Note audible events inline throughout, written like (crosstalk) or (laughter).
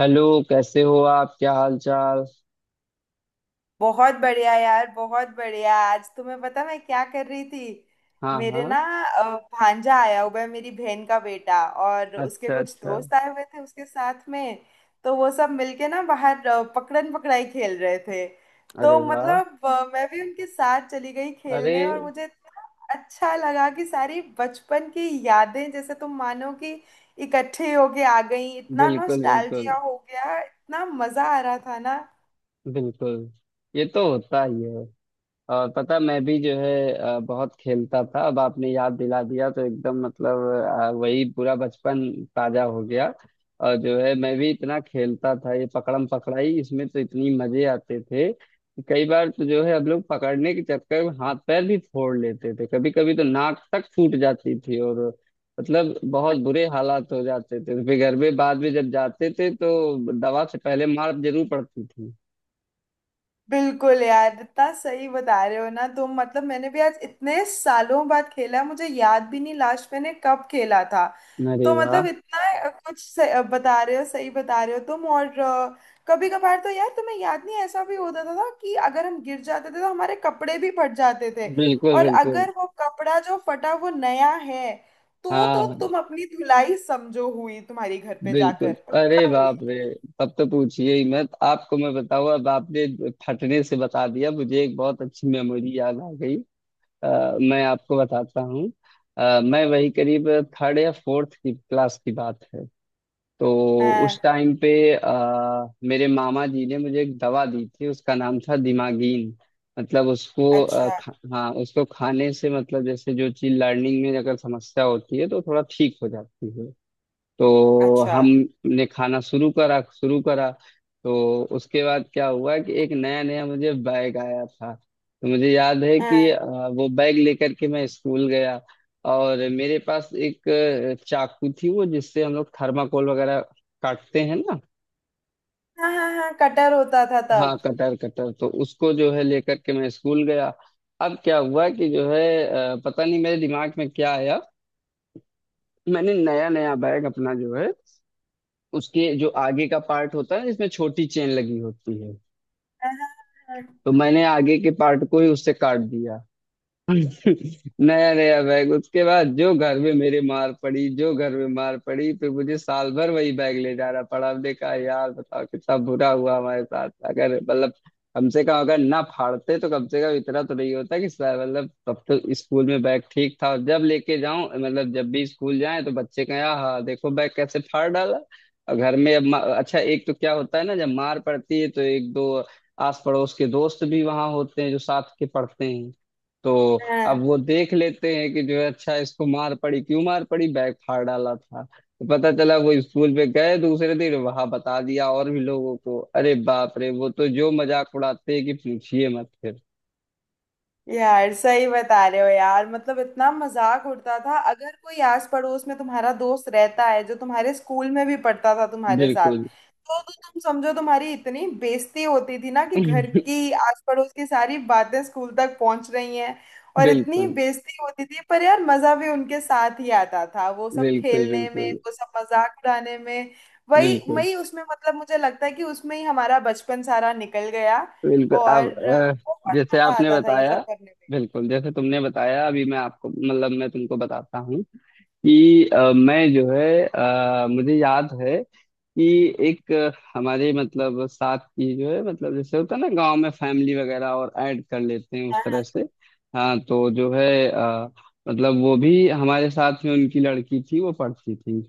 Hello. कैसे हो आप? क्या हाल चाल? बहुत बढ़िया यार, बहुत बढ़िया। आज तुम्हें पता मैं क्या कर रही थी? हाँ मेरे हाँ। ना भांजा आया हुआ है, मेरी बहन का बेटा, और उसके अच्छा कुछ अच्छा। दोस्त आए हुए थे उसके साथ में। तो वो सब मिलके ना बाहर पकड़न पकड़ाई खेल रहे थे। तो अरे वाह। मतलब मैं भी उनके साथ चली गई अरे। खेलने। और मुझे इतना अच्छा लगा कि सारी बचपन की यादें जैसे तुम मानो कि इकट्ठे होके आ गई। इतना बिल्कुल बिल्कुल नॉस्टैल्जिया हो गया, इतना मजा आ रहा था ना। बिल्कुल। ये तो होता ही है। और पता मैं भी जो है बहुत खेलता था। अब आपने याद दिला दिया तो एकदम मतलब वही पूरा बचपन ताजा हो गया। और जो है मैं भी इतना खेलता था ये पकड़म पकड़ाई, इसमें तो इतनी मजे आते थे कि कई बार तो जो है हम लोग पकड़ने के चक्कर में हाथ पैर भी फोड़ लेते थे। कभी कभी तो नाक तक फूट जाती थी और मतलब बहुत बुरे हालात हो जाते थे। फिर घर में बाद में जब जाते थे तो दवा से पहले मार जरूर पड़ती थी। बिल्कुल यार, इतना सही बता रहे हो ना तुम। मतलब मैंने भी आज इतने सालों बाद खेला, मुझे याद भी नहीं लास्ट मैंने कब खेला था। अरे तो वाह। मतलब इतना कुछ बता रहे हो, सही बता रहे हो तुम। और कभी कभार तो यार तुम्हें याद नहीं ऐसा भी होता था कि अगर हम गिर जाते थे तो हमारे कपड़े भी फट जाते थे। बिल्कुल और बिल्कुल। अगर वो कपड़ा जो फटा वो नया है तो हाँ। तुम अपनी धुलाई समझो हुई, तुम्हारी घर पे जाकर बिल्कुल। अरे पक्का हुई। बाप रे। तब तो पूछिए ही मत। आपको मैं बताऊं, अब आपने फटने से बता दिया, मुझे एक बहुत अच्छी मेमोरी याद आ गई। मैं आपको बताता हूँ। मैं वही करीब थर्ड या फोर्थ की क्लास की बात है। तो उस हाँ। टाइम पे मेरे मामा जी ने मुझे एक दवा दी थी, उसका नाम था दिमागीन। मतलब उसको अच्छा, हाँ उसको खाने से, मतलब जैसे जो चीज लर्निंग में अगर समस्या होती है तो थोड़ा ठीक हो जाती है। तो अच्छा। हमने खाना शुरू करा। तो उसके बाद क्या हुआ कि एक नया नया मुझे बैग आया था, तो मुझे याद है कि हाँ। वो बैग लेकर के मैं स्कूल गया। और मेरे पास एक चाकू थी, वो जिससे हम लोग थर्माकोल वगैरह काटते हैं ना। हाँ, हाँ, हाँ, कटर होता था हाँ तब। कटर, कटर तो उसको जो है लेकर के मैं स्कूल गया। अब क्या हुआ कि जो है पता नहीं मेरे दिमाग में क्या आया। मैंने नया नया बैग अपना, जो है उसके जो आगे का पार्ट होता है, इसमें छोटी चेन लगी होती है, हाँ, हाँ, हाँ, तो मैंने आगे के पार्ट को ही उससे काट दिया। नया नया बैग, उसके बाद जो घर में मेरे मार पड़ी, जो घर में मार पड़ी, फिर मुझे साल भर वही बैग ले जाना पड़ा। हमने कहा यार बताओ कितना बुरा हुआ हमारे साथ, अगर मतलब हमसे कहा अगर ना फाड़ते तो कम से कम इतना तो नहीं होता कि मतलब तब तो स्कूल में बैग ठीक था, और जब लेके जाऊं मतलब जब भी स्कूल जाए तो बच्चे कहें आहा देखो बैग कैसे फाड़ डाला। और घर में अब अच्छा, एक तो क्या होता है ना, जब मार पड़ती है तो एक दो आस पड़ोस के दोस्त भी वहां होते हैं जो साथ के पढ़ते हैं। तो अब हाँ। वो देख लेते हैं कि जो है अच्छा इसको मार पड़ी, क्यों मार पड़ी, बैग फाड़ डाला था। तो पता चला वो स्कूल पे गए दूसरे दिन, वहां बता दिया और भी लोगों को, अरे बाप रे, वो तो जो मजाक उड़ाते हैं कि पूछिए मत फिर। यार सही बता रहे हो यार, मतलब इतना मजाक उड़ता था। अगर कोई आस पड़ोस में तुम्हारा दोस्त रहता है जो तुम्हारे स्कूल में भी पढ़ता था तुम्हारे साथ, बिल्कुल। (laughs) तो तुम समझो, तुम्हारी इतनी बेइज्जती होती थी ना कि घर की आस पड़ोस की सारी बातें स्कूल तक पहुंच रही हैं। और इतनी बिल्कुल बेइज्जती होती थी, पर यार मजा भी उनके साथ ही आता था, वो सब बिल्कुल। खेलने में, बिल्कुल वो सब मजाक उड़ाने में। वही बिल्कुल वही उसमें, मतलब मुझे लगता है कि उसमें ही हमारा बचपन सारा निकल गया। बिल्कुल। और अब बहुत जैसे मजा आपने आता था ये बताया, सब करने में। बिल्कुल जैसे तुमने बताया अभी, मैं आपको मतलब मैं तुमको बताता हूँ कि मैं जो है मुझे याद है कि एक हमारे मतलब साथ की जो है, मतलब जैसे होता है ना गांव में फैमिली वगैरह और ऐड कर लेते हैं उस तरह से। हाँ, तो जो है मतलब वो भी हमारे साथ में, उनकी लड़की थी, वो पढ़ती थी।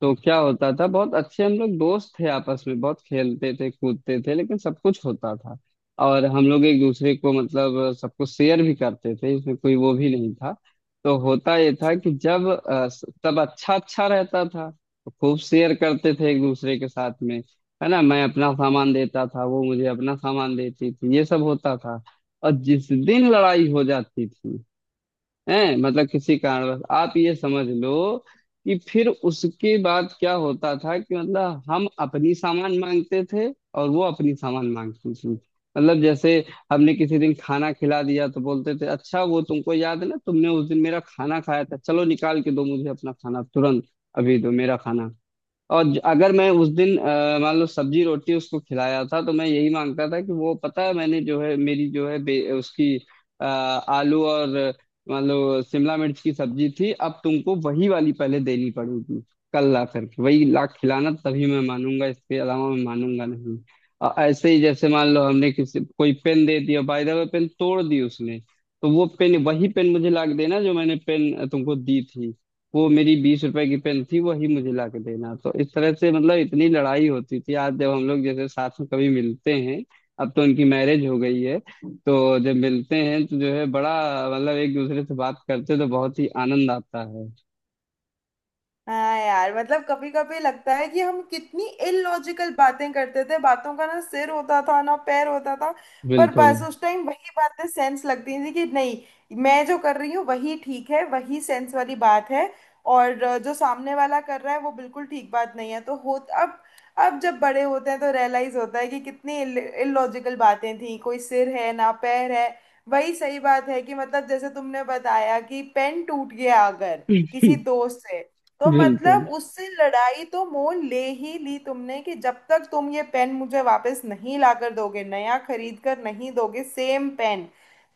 तो क्या होता था, बहुत अच्छे हम लोग दोस्त थे, आपस में बहुत खेलते थे कूदते थे, लेकिन सब कुछ होता था। और हम लोग एक दूसरे को मतलब सब कुछ शेयर भी करते थे, इसमें कोई वो भी नहीं था। तो होता ये था कि जब सब अच्छा अच्छा रहता था तो खूब शेयर करते थे एक दूसरे के साथ में, है ना। मैं अपना सामान देता था, वो मुझे अपना सामान देती थी, ये सब होता था। और जिस दिन लड़ाई हो जाती थी हैं, मतलब किसी कारणवश, आप ये समझ लो कि फिर उसके बाद क्या होता था कि मतलब हम अपनी सामान मांगते थे और वो अपनी सामान मांगती थी। मतलब जैसे हमने किसी दिन खाना खिला दिया तो बोलते थे, अच्छा वो तुमको याद है ना, तुमने उस दिन मेरा खाना खाया था, चलो निकाल के दो मुझे अपना खाना तुरंत, अभी दो मेरा खाना। और अगर मैं उस दिन मान लो सब्जी रोटी उसको खिलाया था तो मैं यही मांगता था कि वो पता है मैंने जो है मेरी जो है उसकी आलू और मान लो शिमला मिर्च की सब्जी थी, अब तुमको वही वाली पहले देनी पड़ेगी। कल ला करके वही ला खिलाना तभी मैं मानूंगा, इसके अलावा मैं मानूंगा नहीं। ऐसे ही जैसे मान लो हमने किसी कोई पेन दे दिया, बाय द वे पेन तोड़ दी उसने, तो वो पेन वही पेन मुझे ला के देना जो मैंने पेन तुमको दी थी। वो मेरी 20 रुपए की पेन थी, वही मुझे ला के देना। तो इस तरह से मतलब इतनी लड़ाई होती थी। आज जब हम लोग जैसे साथ में कभी मिलते हैं, अब तो उनकी मैरिज हो गई है, तो जब मिलते हैं तो जो है बड़ा, मतलब एक दूसरे से बात करते हैं, तो बहुत ही आनंद आता है। हाँ यार, मतलब कभी कभी लगता है कि हम कितनी इलॉजिकल बातें करते थे। बातों का ना सिर होता था ना पैर होता था। पर बिल्कुल। बस उस टाइम वही बातें सेंस लगती थी कि नहीं, मैं जो कर रही हूँ वही ठीक है, वही सेंस वाली बात है। और जो सामने वाला कर रहा है वो बिल्कुल ठीक बात नहीं है। तो हो, अब अब जब बड़े होते हैं तो रियलाइज होता है कि कितनी इलॉजिकल बातें थी, कोई सिर है ना पैर है। वही सही बात है कि मतलब जैसे तुमने बताया कि पेन टूट गया अगर (laughs) किसी दोस्त से, तो बिल्कुल मतलब उससे लड़ाई तो मोल ले ही ली तुमने कि जब तक तुम ये पेन मुझे वापस नहीं लाकर दोगे, नया खरीद कर नहीं दोगे सेम पेन,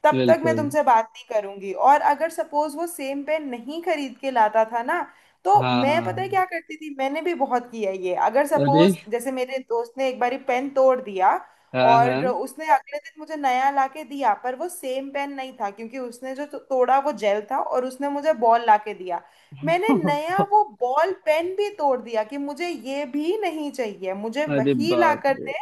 तब तक मैं बिल्कुल। तुमसे बात नहीं करूंगी। और अगर सपोज वो सेम पेन नहीं खरीद के लाता था ना, तो मैं पता है हाँ। क्या करती थी, मैंने भी बहुत किया ये। अगर अरे। सपोज जैसे मेरे दोस्त ने एक बारी पेन तोड़ दिया हाँ और हाँ। उसने अगले दिन मुझे नया लाके दिया, पर वो सेम पेन नहीं था क्योंकि उसने जो तोड़ा वो जेल था और उसने मुझे बॉल लाके दिया। मैंने नया (laughs) वो बॉल पेन भी तोड़ दिया कि मुझे ये भी नहीं चाहिए, मुझे अरे वही ला बाप कर रे। दे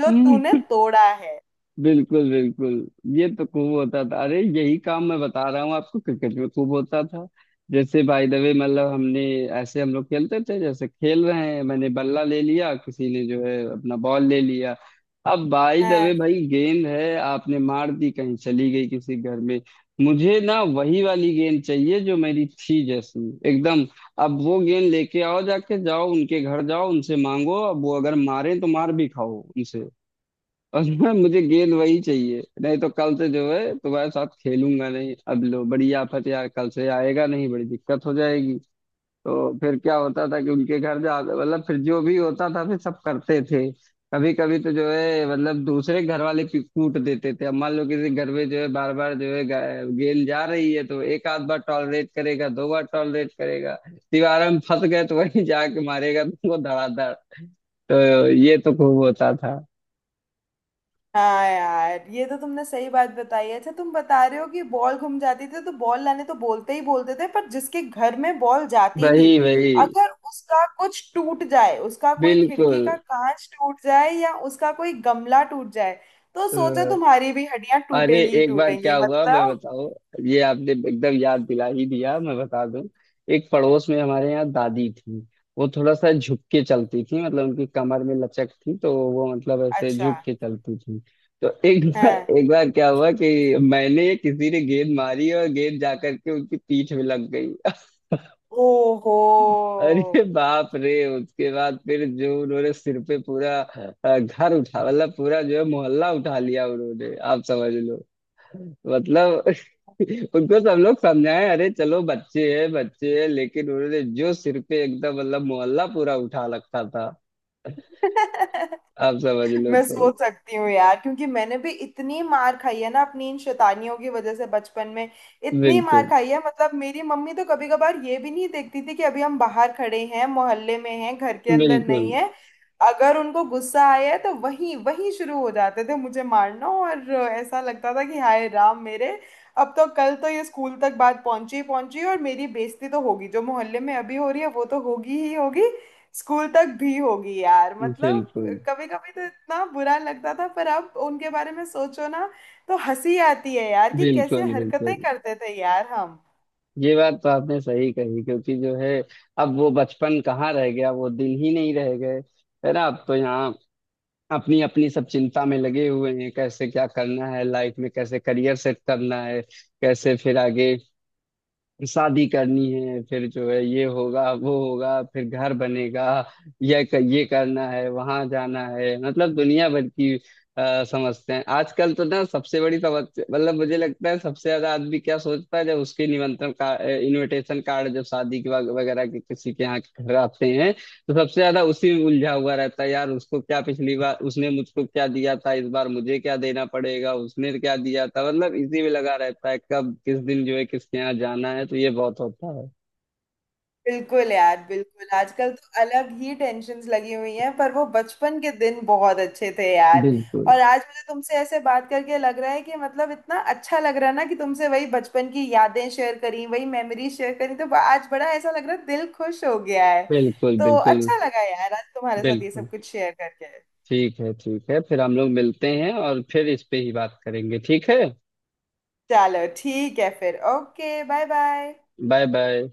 जो तूने (laughs) तोड़ा है। बिल्कुल बिल्कुल। ये तो खूब होता था। अरे यही काम मैं बता रहा हूँ आपको, क्रिकेट में खूब होता था। जैसे बाय द वे मतलब हमने, ऐसे हम लोग खेलते थे, जैसे खेल रहे हैं मैंने बल्ला ले लिया, किसी ने जो है अपना बॉल ले लिया। अब बाय द वे हाँ। भाई गेंद है, आपने मार दी कहीं, चली गई किसी घर में। मुझे ना वही वाली गेंद चाहिए जो मेरी थी, जैसी एकदम। अब वो गेंद लेके आओ, जाके जाओ उनके घर, जाओ उनसे मांगो, अब वो अगर मारे तो मार भी खाओ उनसे। और (laughs) ना मुझे गेंद वही चाहिए, नहीं तो कल से जो है तुम्हारे साथ खेलूंगा नहीं। अब लो बड़ी आफत, यार कल से आएगा नहीं, बड़ी दिक्कत हो जाएगी। तो फिर क्या होता था कि उनके घर जा, मतलब फिर जो भी होता था, फिर सब करते थे। कभी कभी तो जो है मतलब दूसरे घर वाले कूट देते थे। अब मान लो किसी घर में जो है बार बार जो है गेंद जा रही है तो एक आध बार टॉलरेट करेगा, दो बार टॉलरेट करेगा, दीवार में फंस गए तो वहीं जाके मारेगा तुमको धड़ाधड़। तो ये तो खूब होता था। हाँ यार, ये तो तुमने सही बात बताई। अच्छा तुम बता रहे हो कि बॉल घूम जाती थी तो बॉल लाने तो बोलते ही बोलते थे, पर जिसके घर में बॉल जाती थी, वही वही। अगर उसका कुछ टूट जाए, उसका कोई बिल्कुल। खिड़की का कांच टूट जाए या उसका कोई गमला टूट जाए, तो अ, सोचो तुम्हारी भी हड्डियां अरे टूटेंगी ही एक बार टूटेंगी, क्या हुआ मैं मतलब। बताओ, ये आपने एकदम याद दिला ही दिया, मैं बता दूं। एक पड़ोस में हमारे यहाँ दादी थी, वो थोड़ा सा झुक के चलती थी, मतलब उनकी कमर में लचक थी तो वो मतलब ऐसे अच्छा। झुक के चलती थी। तो हाँ। एक बार क्या हुआ कि मैंने, किसी ने गेंद मारी और गेंद जा करके उनकी पीठ में लग गई। ओहो। अरे बाप रे। उसके बाद फिर जो उन्होंने सिर पे पूरा घर उठा, मतलब पूरा जो है मोहल्ला उठा लिया उन्होंने, आप समझ लो। मतलब (laughs) उनको सब लोग समझाए अरे चलो बच्चे हैं बच्चे हैं, लेकिन उन्होंने जो सिर पे एकदम मतलब मोहल्ला पूरा उठा रखा था, (laughs) आप समझ लो मैं तो। सोच सकती हूँ यार, क्योंकि मैंने भी इतनी मार खाई है ना अपनी इन शैतानियों की वजह से बचपन में। इतनी मार बिल्कुल खाई है, मतलब मेरी मम्मी तो कभी कभार ये भी नहीं देखती थी कि अभी हम बाहर खड़े हैं, मोहल्ले में हैं, घर के अंदर बिल्कुल। नहीं है। अगर उनको गुस्सा आया है तो वहीं वहीं शुरू हो जाते थे मुझे मारना। और ऐसा लगता था कि हाय राम मेरे, अब तो कल तो ये स्कूल तक बात पहुंची ही पहुंची, और मेरी बेइज्जती तो होगी, जो मोहल्ले में अभी हो रही है वो तो होगी ही होगी, स्कूल तक भी होगी यार। बिल्कुल मतलब कभी कभी तो इतना बुरा लगता था, पर अब उनके बारे में सोचो ना तो हंसी आती है यार, कि कैसे बिल्कुल हरकतें बिल्कुल। करते थे यार हम। ये बात तो आपने सही कही, क्योंकि जो है अब वो बचपन कहाँ रह गया, वो दिन ही नहीं रह गए, है ना। अब तो यहाँ अपनी अपनी सब चिंता में लगे हुए हैं, कैसे क्या करना है लाइफ में, कैसे करियर सेट करना है, कैसे फिर आगे शादी करनी है, फिर जो है ये होगा वो होगा, फिर घर बनेगा, ये करना है वहां जाना है, मतलब दुनिया भर की समझते हैं। आजकल तो ना सबसे बड़ी समस्या, मतलब मुझे लगता है सबसे ज्यादा आदमी क्या सोचता है जब उसके निमंत्रण का इनविटेशन कार्ड जब शादी के वगैरह के किसी के यहाँ घर आते हैं, तो सबसे ज्यादा उसी में उलझा हुआ रहता है यार, उसको क्या पिछली बार उसने मुझको क्या दिया था, इस बार मुझे क्या देना पड़ेगा, उसने क्या दिया था, मतलब इसी में लगा रहता है कब किस दिन जो है किसके यहाँ जाना है। तो ये बहुत होता है। बिल्कुल यार बिल्कुल, आजकल तो अलग ही टेंशन्स लगी हुई हैं, पर वो बचपन के दिन बहुत अच्छे थे यार। बिल्कुल और आज मुझे तुमसे ऐसे बात करके लग रहा है कि मतलब इतना अच्छा लग रहा है ना, कि तुमसे वही बचपन की यादें शेयर करी, वही मेमोरी शेयर करी, तो आज बड़ा ऐसा लग रहा है, दिल खुश हो गया है। बिल्कुल। तो बिल्कुल अच्छा लगा यार आज तुम्हारे साथ ये बिल्कुल। सब कुछ शेयर करके। ठीक है ठीक है, फिर हम लोग मिलते हैं और फिर इस पे ही बात करेंगे, ठीक है। चलो ठीक है फिर, okay, bye bye. Bye bye.